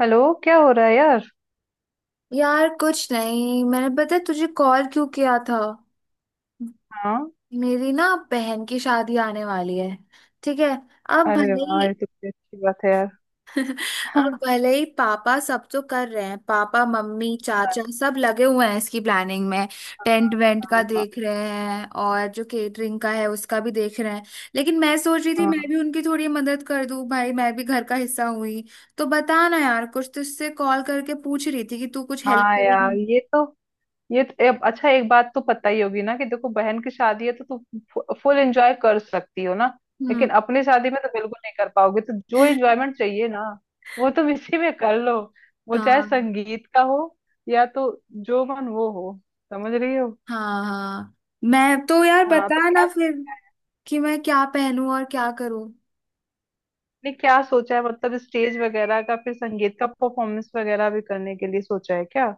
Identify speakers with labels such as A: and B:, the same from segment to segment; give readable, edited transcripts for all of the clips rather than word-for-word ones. A: Hello. क्या हो रहा है यार?
B: यार कुछ नहीं। मैंने पता है तुझे कॉल क्यों किया था।
A: हाँ।
B: मेरी ना बहन की शादी आने वाली है। ठीक है। अब
A: अरे
B: भले ही
A: वाह, ये तो बड़ी अच्छी बात है यार।
B: अब भले ही पापा सब तो कर रहे हैं। पापा मम्मी चाचा सब लगे हुए हैं इसकी प्लानिंग में। टेंट वेंट का
A: हाँ
B: देख रहे हैं और जो केटरिंग का है उसका भी देख रहे हैं। लेकिन मैं सोच रही थी मैं
A: हाँ।
B: भी उनकी थोड़ी मदद कर दूं, भाई मैं भी घर का हिस्सा हुई। तो बता ना यार, कुछ तुझसे कॉल करके पूछ रही थी कि तू कुछ हेल्प
A: हाँ यार,
B: करेगी।
A: ये तो अब अच्छा, एक बात तो पता ही होगी ना कि देखो, बहन की शादी है तो तू फुल एंजॉय कर सकती हो ना।
B: हम्म।
A: लेकिन अपनी शादी में तो बिल्कुल नहीं कर पाओगे, तो जो एंजॉयमेंट चाहिए ना, वो तुम इसी में कर लो। वो चाहे
B: हाँ।
A: संगीत का हो या तो जो मन वो हो। समझ रही हो?
B: हाँ हाँ, मैं तो यार
A: हाँ तो
B: बता
A: क्या
B: ना फिर कि मैं क्या पहनूं और क्या करूं।
A: ने क्या सोचा है, मतलब स्टेज वगैरह का, फिर संगीत का परफॉर्मेंस वगैरह भी करने के लिए सोचा है क्या?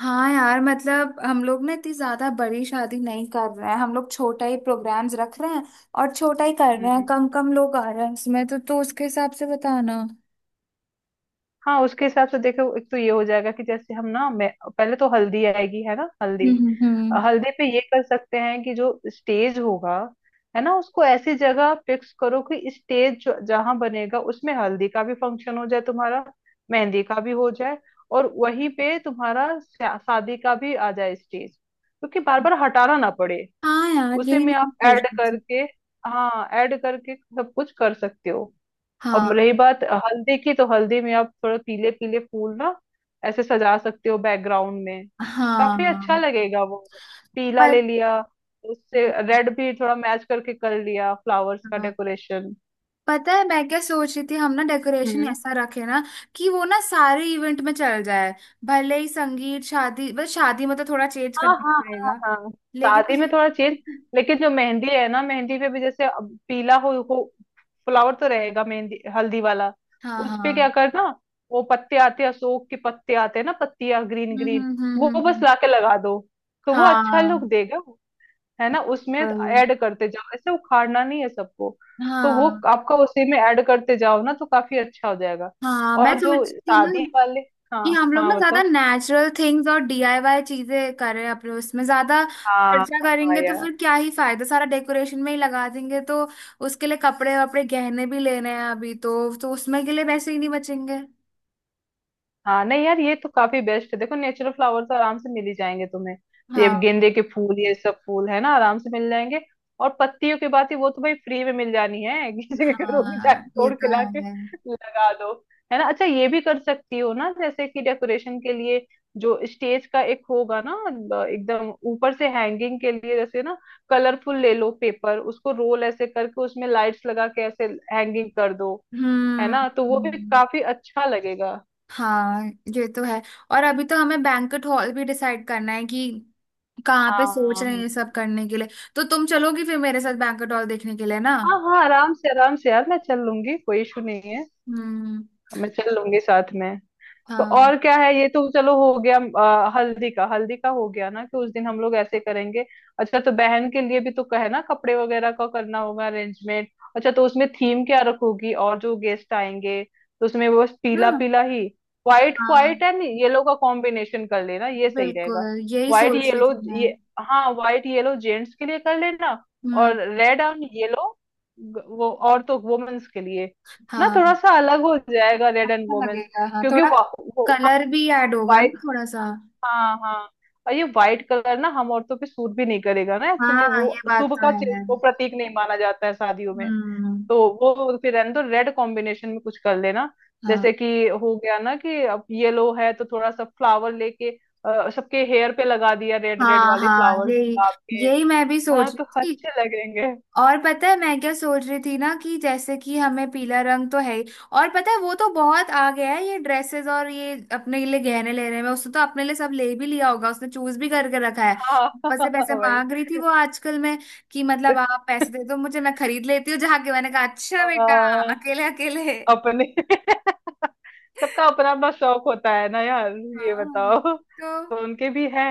B: हाँ यार, मतलब हम लोग ना इतनी ज्यादा बड़ी शादी नहीं कर रहे हैं। हम लोग छोटा ही प्रोग्राम्स रख रहे हैं और छोटा ही कर रहे हैं।
A: हम्म।
B: कम कम लोग आ रहे हैं इसमें तो उसके हिसाब से बताना।
A: हाँ, उसके हिसाब से देखो, एक तो ये हो जाएगा कि जैसे हम ना मैं पहले तो हल्दी आएगी, है ना, हल्दी।
B: हम्म हम्म हम्म।
A: हल्दी पे ये कर सकते हैं कि जो स्टेज होगा है ना, उसको ऐसी जगह फिक्स करो कि स्टेज जहाँ बनेगा उसमें हल्दी का भी फंक्शन हो जाए तुम्हारा, मेहंदी का भी हो जाए। और वहीं पे तुम्हारा शादी का भी आ जाए स्टेज, क्योंकि बार बार हटाना ना पड़े।
B: हाँ यार,
A: उसी
B: यही
A: में
B: मैं
A: आप
B: सोच
A: ऐड
B: रही थी।
A: करके, हाँ, ऐड करके सब कुछ कर सकते हो। अब
B: हाँ
A: रही बात हल्दी की, तो हल्दी में आप थोड़ा पीले पीले फूल ना ऐसे सजा सकते हो बैकग्राउंड में। काफी अच्छा
B: हाँ।
A: लगेगा वो। पीला
B: पर
A: ले लिया, उससे रेड भी थोड़ा मैच करके कर लिया फ्लावर्स का
B: हाँ।
A: डेकोरेशन।
B: पता है मैं क्या सोच रही थी? हम ना डेकोरेशन ऐसा रखे ना कि वो ना सारे इवेंट में चल जाए। भले ही संगीत शादी, बस शादी में तो थोड़ा चेंज
A: हाँ
B: करना
A: हाँ हाँ
B: पड़ेगा।
A: हाँ। शादी में
B: लेकिन
A: थोड़ा चेंज। लेकिन जो मेहंदी है ना, मेहंदी पे भी जैसे अब पीला हो फ्लावर तो रहेगा, मेहंदी हल्दी वाला।
B: हाँ
A: उस पे क्या
B: हाँ।
A: करना? वो पत्ते आते हैं, अशोक के पत्ते आते हैं ना, पत्तियां ग्रीन
B: हम्म
A: ग्रीन।
B: हम्म हम्म
A: वो
B: हम्म,
A: बस
B: हम्म।
A: लाके लगा दो तो वो अच्छा लुक
B: हाँ।
A: देगा। है ना, उसमें
B: बिल्कुल।
A: ऐड करते जाओ, ऐसे उखाड़ना नहीं है सबको। तो वो
B: हाँ
A: आपका उसी में ऐड करते जाओ ना, तो काफी अच्छा हो जाएगा।
B: हाँ, मैं
A: और
B: सोच
A: जो
B: रही थी ना
A: शादी वाले, हाँ
B: कि हम लोग
A: हाँ
B: ना ज्यादा
A: बताओ,
B: नेचुरल थिंग्स और डीआईवाई चीजें करें। अपने उसमें ज्यादा
A: हाँ
B: खर्चा
A: हाँ
B: करेंगे तो
A: यार।
B: फिर क्या ही फायदा, सारा डेकोरेशन में ही लगा देंगे तो उसके लिए कपड़े वपड़े गहने भी लेने हैं अभी तो उसमें के लिए पैसे ही नहीं बचेंगे।
A: हाँ नहीं यार, ये तो काफी बेस्ट है, देखो नेचुरल फ्लावर तो आराम से मिल ही जाएंगे तुम्हें। ये
B: हाँ
A: गेंदे के फूल, ये सब फूल है ना, आराम से मिल जाएंगे। और पत्तियों की बात ही, वो तो भाई फ्री में मिल जानी है। किसी के घरों में
B: हाँ,
A: जाके
B: ये
A: तोड़ के
B: तो
A: लाके
B: है।
A: लगा दो। है ना, अच्छा ये भी कर सकती हो ना, जैसे कि डेकोरेशन के लिए जो स्टेज का एक होगा ना, एकदम ऊपर से हैंगिंग के लिए जैसे ना, कलरफुल ले लो पेपर, उसको रोल ऐसे करके उसमें लाइट्स लगा के ऐसे हैंगिंग कर दो। है
B: हम्म
A: ना, तो वो भी
B: हम्म,
A: काफी अच्छा लगेगा।
B: हाँ ये तो है। और अभी तो हमें बैंक्वेट हॉल भी डिसाइड करना है कि कहाँ पे
A: हाँ
B: सोच रहे हैं
A: हाँ
B: ये सब करने के लिए। तो तुम चलोगी फिर मेरे साथ बैंक्वेट हॉल देखने के लिए ना?
A: हाँ हाँ, आराम से यार, मैं चल लूंगी, कोई इशू नहीं है।
B: हम्म।
A: मैं चल लूंगी साथ में। तो
B: हाँ
A: और क्या है, ये तो चलो हो गया, हल्दी का हो गया ना कि उस दिन हम लोग ऐसे करेंगे। अच्छा, तो बहन के लिए भी तो कहे ना, कपड़े वगैरह का करना होगा अरेंजमेंट। अच्छा, तो उसमें थीम क्या रखोगी और जो गेस्ट आएंगे, तो उसमें वो बस पीला
B: हाँ
A: पीला ही, व्हाइट
B: हाँ,
A: व्हाइट एंड येलो का कॉम्बिनेशन कर लेना, ये सही
B: बिल्कुल
A: रहेगा।
B: यही
A: व्हाइट
B: सोच रही
A: येलो
B: थी मैं।
A: ये, हाँ, व्हाइट येलो जेंट्स के लिए कर लेना।
B: हम्म।
A: और रेड एंड येलो, वो और तो वुमेन्स के लिए ना, थोड़ा
B: हाँ
A: सा अलग हो जाएगा, रेड एंड
B: अच्छा
A: वुमेन्स।
B: लगेगा, हाँ
A: क्योंकि
B: थोड़ा
A: वो, हाँ,
B: कलर भी ऐड होगा
A: व्हाइट,
B: ना थोड़ा सा।
A: हाँ हाँ। और ये व्हाइट कलर ना हम औरतों पे सूट भी नहीं करेगा ना, एक्चुअली
B: हाँ, ये
A: वो
B: बात
A: शुभ
B: तो
A: का
B: है
A: वो
B: मैम।
A: प्रतीक नहीं माना जाता है शादियों में।
B: हम्म।
A: तो वो फिर रहने दो, रेड कॉम्बिनेशन में कुछ कर लेना।
B: हाँ
A: जैसे कि हो गया ना कि अब येलो है, तो थोड़ा सा फ्लावर लेके सबके हेयर पे लगा दिया रेड रेड
B: हाँ
A: वाले
B: हाँ,
A: फ्लावर्स,
B: यही
A: गुलाब के।
B: यही मैं भी
A: हाँ
B: सोच रही
A: तो
B: थी।
A: अच्छे लगेंगे।
B: और पता है मैं क्या सोच रही थी ना कि जैसे कि हमें पीला रंग तो है ही। और पता है वो तो बहुत आ गया है ये ड्रेसेस, और ये अपने लिए गहने लेने में उसने तो अपने लिए सब ले भी लिया होगा, उसने चूज भी करके रखा है। पैसे पैसे
A: हाँ।
B: मांग रही थी वो आजकल में कि मतलब आप पैसे दे दो मुझे, मैं खरीद लेती हूँ जाके। मैंने कहा अच्छा बेटा,
A: भाई
B: अकेले अकेले।
A: अपने सबका अपना अपना शौक होता है ना यार। ये
B: हाँ।
A: बताओ,
B: तो
A: तो उनके भी है।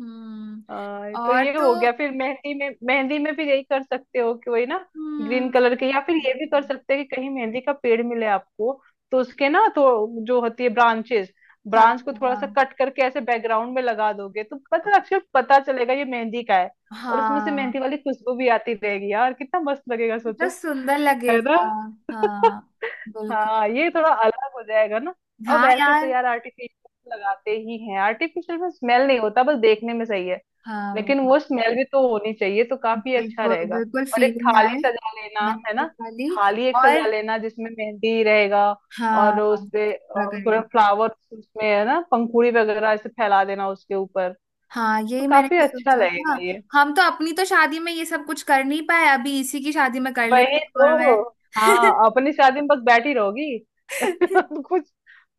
B: हम्म।
A: तो
B: और
A: ये
B: तो
A: हो गया, फिर मेहंदी में भी यही कर सकते हो कि वही ना, ग्रीन
B: हम्म।
A: कलर के, या फिर ये भी कर सकते हैं कि कहीं मेहंदी का पेड़ मिले आपको, तो उसके ना तो जो होती है ब्रांचेस।
B: हाँ
A: ब्रांच को थोड़ा सा
B: हाँ
A: कट करके ऐसे बैकग्राउंड में लगा दोगे तो पता अच्छे पता चलेगा ये मेहंदी का है। और उसमें से मेहंदी
B: हाँ।
A: वाली खुशबू भी आती रहेगी यार, कितना मस्त लगेगा,
B: कितना
A: सोचो।
B: सुंदर
A: है ना।
B: लगेगा। हाँ बिल्कुल।
A: हाँ, ये थोड़ा अलग हो जाएगा ना। अब
B: हाँ
A: वैसे तो
B: यार,
A: यार आर्टिफिशियल लगाते ही हैं, आर्टिफिशियल में स्मेल नहीं होता, बस देखने में सही है।
B: हाँ
A: लेकिन वो स्मेल भी तो होनी चाहिए, तो काफी अच्छा
B: बिल्कुल
A: रहेगा।
B: बिल्कुल,
A: और एक
B: फीलिंग
A: थाली
B: आए।
A: सजा लेना, है
B: मेहंदी
A: ना,
B: वाली।
A: थाली एक
B: और
A: सजा लेना जिसमें मेहंदी रहेगा।
B: हाँ,
A: और उसपे
B: पूरा
A: थोड़ा
B: करेंगे।
A: फ्लावर उसमें, है ना, पंखुड़ी वगैरह ऐसे फैला देना उसके ऊपर।
B: हाँ,
A: तो
B: यही मैंने
A: काफी
B: भी
A: अच्छा
B: सोचा था।
A: लगेगा ये।
B: हम तो अपनी तो शादी में ये सब कुछ कर नहीं पाए, अभी इसी की शादी में कर लेते।
A: वही
B: और मैं
A: तो। हाँ, अपनी शादी में बस बैठी रहोगी। कुछ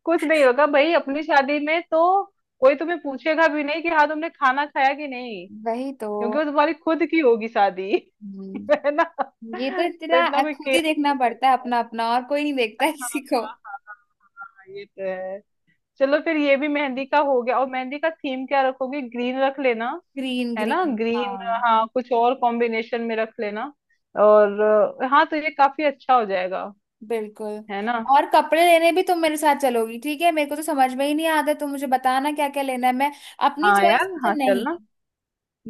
A: कुछ नहीं होगा भाई, अपनी शादी में तो कोई तुम्हें पूछेगा भी नहीं कि हाँ तुमने खाना खाया कि नहीं।
B: वही तो।
A: क्योंकि वो तुम्हारी खुद की होगी शादी। है
B: हम्म,
A: ना,
B: ये तो
A: तो
B: तेरा।
A: इतना कोई
B: खुद
A: केयर
B: ही देखना
A: नहीं
B: पड़ता है
A: करता है।
B: अपना अपना, और कोई नहीं देखता है
A: हाँ
B: किसी को।
A: हाँ हाँ हाँ, ये तो है। चलो फिर, ये भी मेहंदी का हो गया, और मेहंदी का थीम क्या रखोगी, ग्रीन रख लेना।
B: ग्रीन
A: है ना,
B: ग्रीन,
A: ग्रीन,
B: हाँ।
A: हाँ, कुछ और कॉम्बिनेशन में रख लेना। और हाँ, तो ये काफी अच्छा हो जाएगा।
B: बिल्कुल।
A: है ना।
B: और कपड़े लेने भी तुम मेरे साथ चलोगी, ठीक है? मेरे को तो समझ में ही नहीं आता तो मुझे बताना क्या क्या लेना है। मैं अपनी
A: हाँ
B: चॉइस
A: यार,
B: में
A: हाँ
B: तो नहीं।
A: चलना।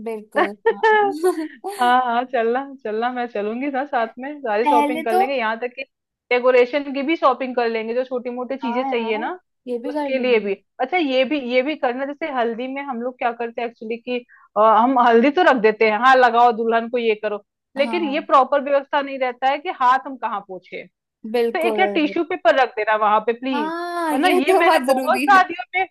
B: बिल्कुल हाँ।
A: हाँ हाँ, चलना चलना, मैं चलूंगी ना साथ में, सारी
B: पहले
A: शॉपिंग कर
B: तो
A: लेंगे, यहाँ तक कि डेकोरेशन की भी शॉपिंग कर लेंगे, जो छोटी मोटी
B: हाँ
A: चीजें चाहिए
B: यार,
A: ना
B: ये भी कर
A: उसके लिए
B: लेंगे।
A: भी। अच्छा, ये भी करना, जैसे हल्दी में हम लोग क्या करते हैं एक्चुअली कि हम हल्दी तो रख देते हैं, हाँ लगाओ दुल्हन को, ये करो। लेकिन ये
B: हाँ
A: प्रॉपर व्यवस्था नहीं रहता है कि हाथ हम कहाँ पोंछे। तो एक
B: बिल्कुल,
A: यार टिश्यू पेपर रख देना वहां पे प्लीज।
B: हाँ
A: है ना,
B: ये तो बहुत जरूरी है।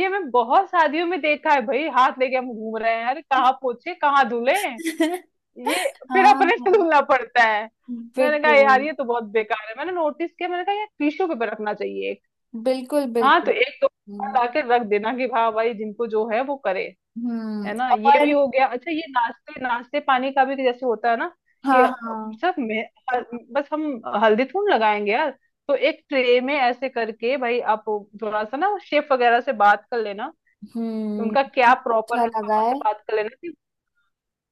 A: ये मैं बहुत शादियों में देखा है भाई, हाथ लेके हम घूम रहे हैं, अरे कहाँ पोछे, कहाँ धुले। ये फिर
B: हाँ
A: अपने से
B: हाँ,
A: धुलना पड़ता है। मैंने कहा
B: बिल्कुल
A: यार, ये तो बहुत बेकार है, मैंने नोटिस किया, मैंने कहा यार टिश्यू पेपर रखना चाहिए एक।
B: बिल्कुल।
A: हाँ तो
B: बिल्कुल।
A: एक दो लाके रख देना कि हाँ भाई, जिनको जो है वो करे। है ना, ये भी
B: और।
A: हो गया। अच्छा, ये नाश्ते नाश्ते पानी का भी जैसे होता है ना, कि
B: हाँ हाँ।
A: सब हल- बस हम हल्दी थूम लगाएंगे यार, तो एक ट्रे में ऐसे करके भाई आप थोड़ा सा ना शेफ वगैरह से बात कर लेना कि
B: हम्म,
A: उनका क्या प्रॉपर
B: अच्छा
A: है,
B: लगा
A: पापा
B: है।
A: से बात कर लेना कि,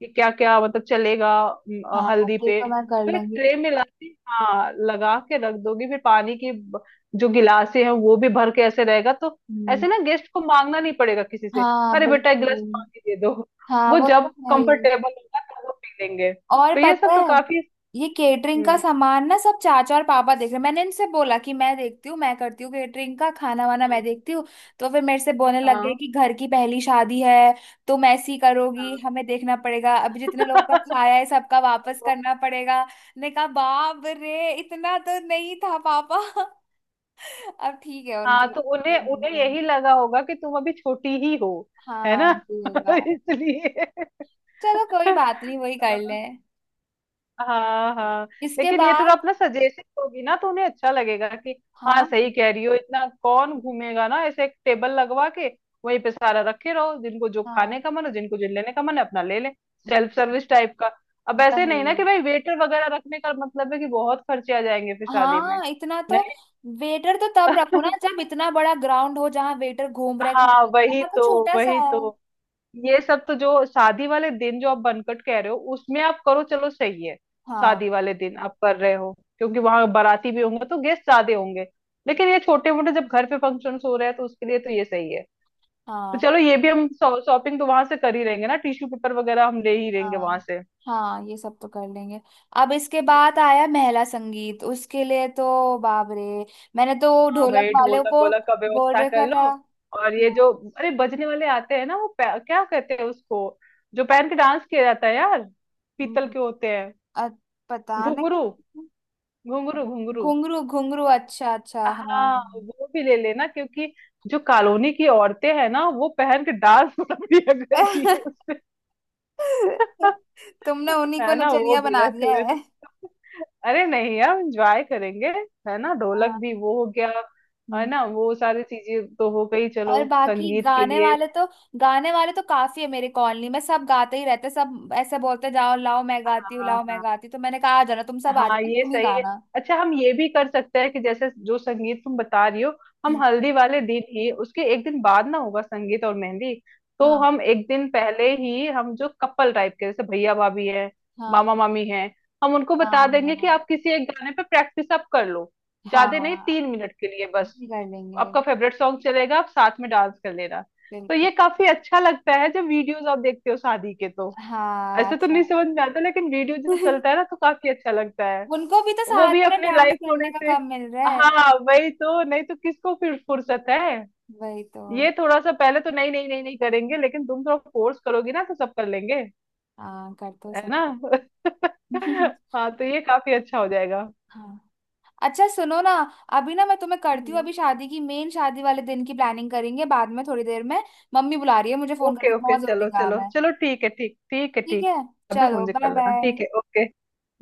A: कि क्या क्या मतलब चलेगा
B: हाँ,
A: हल्दी
B: ये
A: पे,
B: तो मैं कर
A: फिर
B: लूंगी।
A: ट्रे में ला के हाँ लगा के रख दोगी, फिर पानी की जो गिलासे हैं वो भी भर के ऐसे रहेगा, तो
B: हम्म,
A: ऐसे ना गेस्ट को मांगना नहीं पड़ेगा किसी से,
B: हाँ
A: अरे बेटा एक गिलास
B: बिल्कुल।
A: पानी दे दो।
B: हाँ
A: वो
B: वो तो
A: जब
B: है ही।
A: कंफर्टेबल होगा तब वो पी लेंगे।
B: और
A: तो ये सब
B: पता
A: तो
B: है
A: काफी।
B: ये केटरिंग का
A: हम्म,
B: सामान ना सब चाचा और पापा देख रहे हैं। मैंने इनसे बोला कि मैं देखती हूँ, मैं करती हूँ केटरिंग का, खाना वाना मैं देखती हूँ। तो फिर मेरे से बोलने लग
A: हाँ
B: गए कि घर की पहली शादी है, तुम ऐसी करोगी,
A: हाँ,
B: हमें देखना पड़ेगा, अभी जितने लोगों का खाया
A: हाँ।
B: है सबका वापस करना पड़ेगा। ने कहा बाप रे, इतना तो नहीं था पापा। अब ठीक है उनका।
A: हाँ तो उन्हें उन्हें यही लगा होगा कि तुम अभी छोटी ही हो। है
B: हाँ
A: ना,
B: जी होगा।
A: इसलिए।
B: चलो कोई बात नहीं, वही कर लें
A: हाँ हाँ,
B: इसके
A: लेकिन ये थोड़ा
B: बाद।
A: अपना सजेशन होगी ना तो उन्हें अच्छा लगेगा कि हाँ
B: हाँ
A: सही कह रही हो, इतना कौन घूमेगा ना, ऐसे एक टेबल लगवा के वहीं पे सारा रखे रहो, जिनको जो
B: हाँ।
A: खाने का मन है, जिनको जो लेने का मन है, अपना ले ले।
B: हम्म,
A: सेल्फ सर्विस टाइप का। अब ऐसे नहीं ना कि
B: वही।
A: भाई वेटर वगैरह रखने का मतलब है कि बहुत खर्चे आ जाएंगे फिर शादी में।
B: हाँ इतना तो,
A: नहीं।
B: वेटर तो तब रखो ना जब इतना बड़ा ग्राउंड हो जहाँ वेटर घूम रहे खा
A: हाँ
B: रहे,
A: वही
B: यहाँ तो
A: तो,
B: छोटा सा
A: वही
B: है।
A: तो। ये सब तो जो शादी वाले दिन, जो आप बनकट कह रहे हो उसमें आप करो, चलो सही है।
B: हाँ
A: शादी वाले दिन आप कर रहे हो, क्योंकि वहां बाराती भी होंगे तो गेस्ट ज्यादा होंगे। लेकिन ये छोटे मोटे जब घर पे फंक्शन हो रहे हैं तो उसके लिए तो ये सही है। तो
B: हाँ
A: चलो, ये भी हम शॉपिंग तो वहां से कर ही रहेंगे ना, टिश्यू पेपर वगैरह हम ले ही लेंगे
B: हाँ,
A: वहां से।
B: हाँ ये सब तो कर लेंगे। अब इसके बाद आया महिला संगीत, उसके लिए तो बाप रे। मैंने तो
A: हाँ
B: ढोलक
A: भाई,
B: वाले
A: ढोलक
B: को
A: वोलक का
B: बोल
A: व्यवस्था कर
B: रखा था।
A: लो। और ये जो,
B: हाँ,
A: अरे बजने वाले आते हैं ना, वो क्या कहते हैं उसको, जो पहन के डांस किया जाता है यार, पीतल
B: हम्म,
A: के होते हैं,
B: अ- पता नहीं।
A: घुंघरू, घुंघरू घुंघरू।
B: घुंघरू घुंघरू, अच्छा अच्छा हाँ।
A: हाँ, वो भी ले लेना, क्योंकि जो कॉलोनी की औरतें हैं ना, वो पहन के डांस कर दिया करती है उसपे।
B: तुमने उन्हीं को
A: है ना, वो
B: नचनिया
A: भी
B: बना
A: रख
B: दिया है।
A: लेना। अरे नहीं यार, एंजॉय करेंगे। है ना, ढोलक भी
B: हाँ।
A: वो हो गया। है
B: हम्म।
A: ना, वो सारी चीजें तो हो गई, चलो
B: और बाकी
A: संगीत के
B: गाने
A: लिए।
B: वाले तो, गाने वाले तो काफी है मेरे कॉलोनी में। सब गाते ही रहते, सब ऐसे बोलते जाओ, लाओ मैं गाती हूँ,
A: हाँ
B: लाओ मैं
A: हाँ
B: गाती हूँ। तो मैंने कहा आ जाना तुम सब, आ
A: हाँ,
B: जाना
A: ये
B: तुम ही
A: सही है।
B: गाना।
A: अच्छा, हम ये भी कर सकते हैं कि जैसे जो संगीत तुम बता रही हो,
B: हम्म,
A: हम हल्दी वाले दिन ही, उसके एक दिन बाद ना होगा संगीत और मेहंदी। तो
B: हाँ
A: हम एक दिन पहले ही हम जो कपल टाइप के, जैसे भैया भाभी हैं,
B: हाँ
A: मामा मामी हैं, हम उनको बता देंगे कि
B: हाँ।
A: आप किसी एक गाने पे प्रैक्टिस आप कर लो। ज्यादा नहीं,
B: हाँ,
A: 3 मिनट के लिए बस।
B: ये कर लेंगे।
A: आपका फेवरेट सॉन्ग चलेगा, आप साथ में डांस कर लेना। तो
B: बिल्कुल।
A: ये काफी अच्छा लगता है, जब वीडियोस आप देखते हो शादी के, तो
B: हाँ
A: ऐसे तो
B: अच्छा।
A: नहीं समझ में आता लेकिन वीडियो जो चलता है ना, तो काफी अच्छा लगता।
B: उनको भी तो
A: वो भी
B: साथ में
A: अपनी
B: डांस
A: लाइफ
B: करने
A: थोड़े
B: का
A: से।
B: काम मिल रहा है।
A: हाँ वही तो, नहीं तो किसको फिर फुर्सत है।
B: वही तो।
A: ये थोड़ा सा पहले तो नहीं नहीं नहीं नहीं करेंगे, लेकिन तुम थोड़ा फोर्स करोगी ना तो सब कर लेंगे।
B: हाँ कर दो
A: है
B: सब।
A: ना। हाँ, तो ये काफी अच्छा हो जाएगा।
B: हाँ। अच्छा सुनो ना, अभी ना मैं तुम्हें करती हूँ। अभी शादी की मेन, शादी वाले दिन की प्लानिंग करेंगे बाद में थोड़ी देर में। मम्मी बुला रही है मुझे फोन
A: ओके
B: करके,
A: ओके,
B: बहुत जरूरी
A: चलो
B: काम
A: चलो
B: है।
A: चलो, ठीक है, ठीक, ठीक है,
B: ठीक है,
A: ठीक। बाद में
B: चलो
A: फोन चेक कर
B: बाय
A: लेना,
B: बाय।
A: ठीक है, ओके।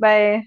A: बाय।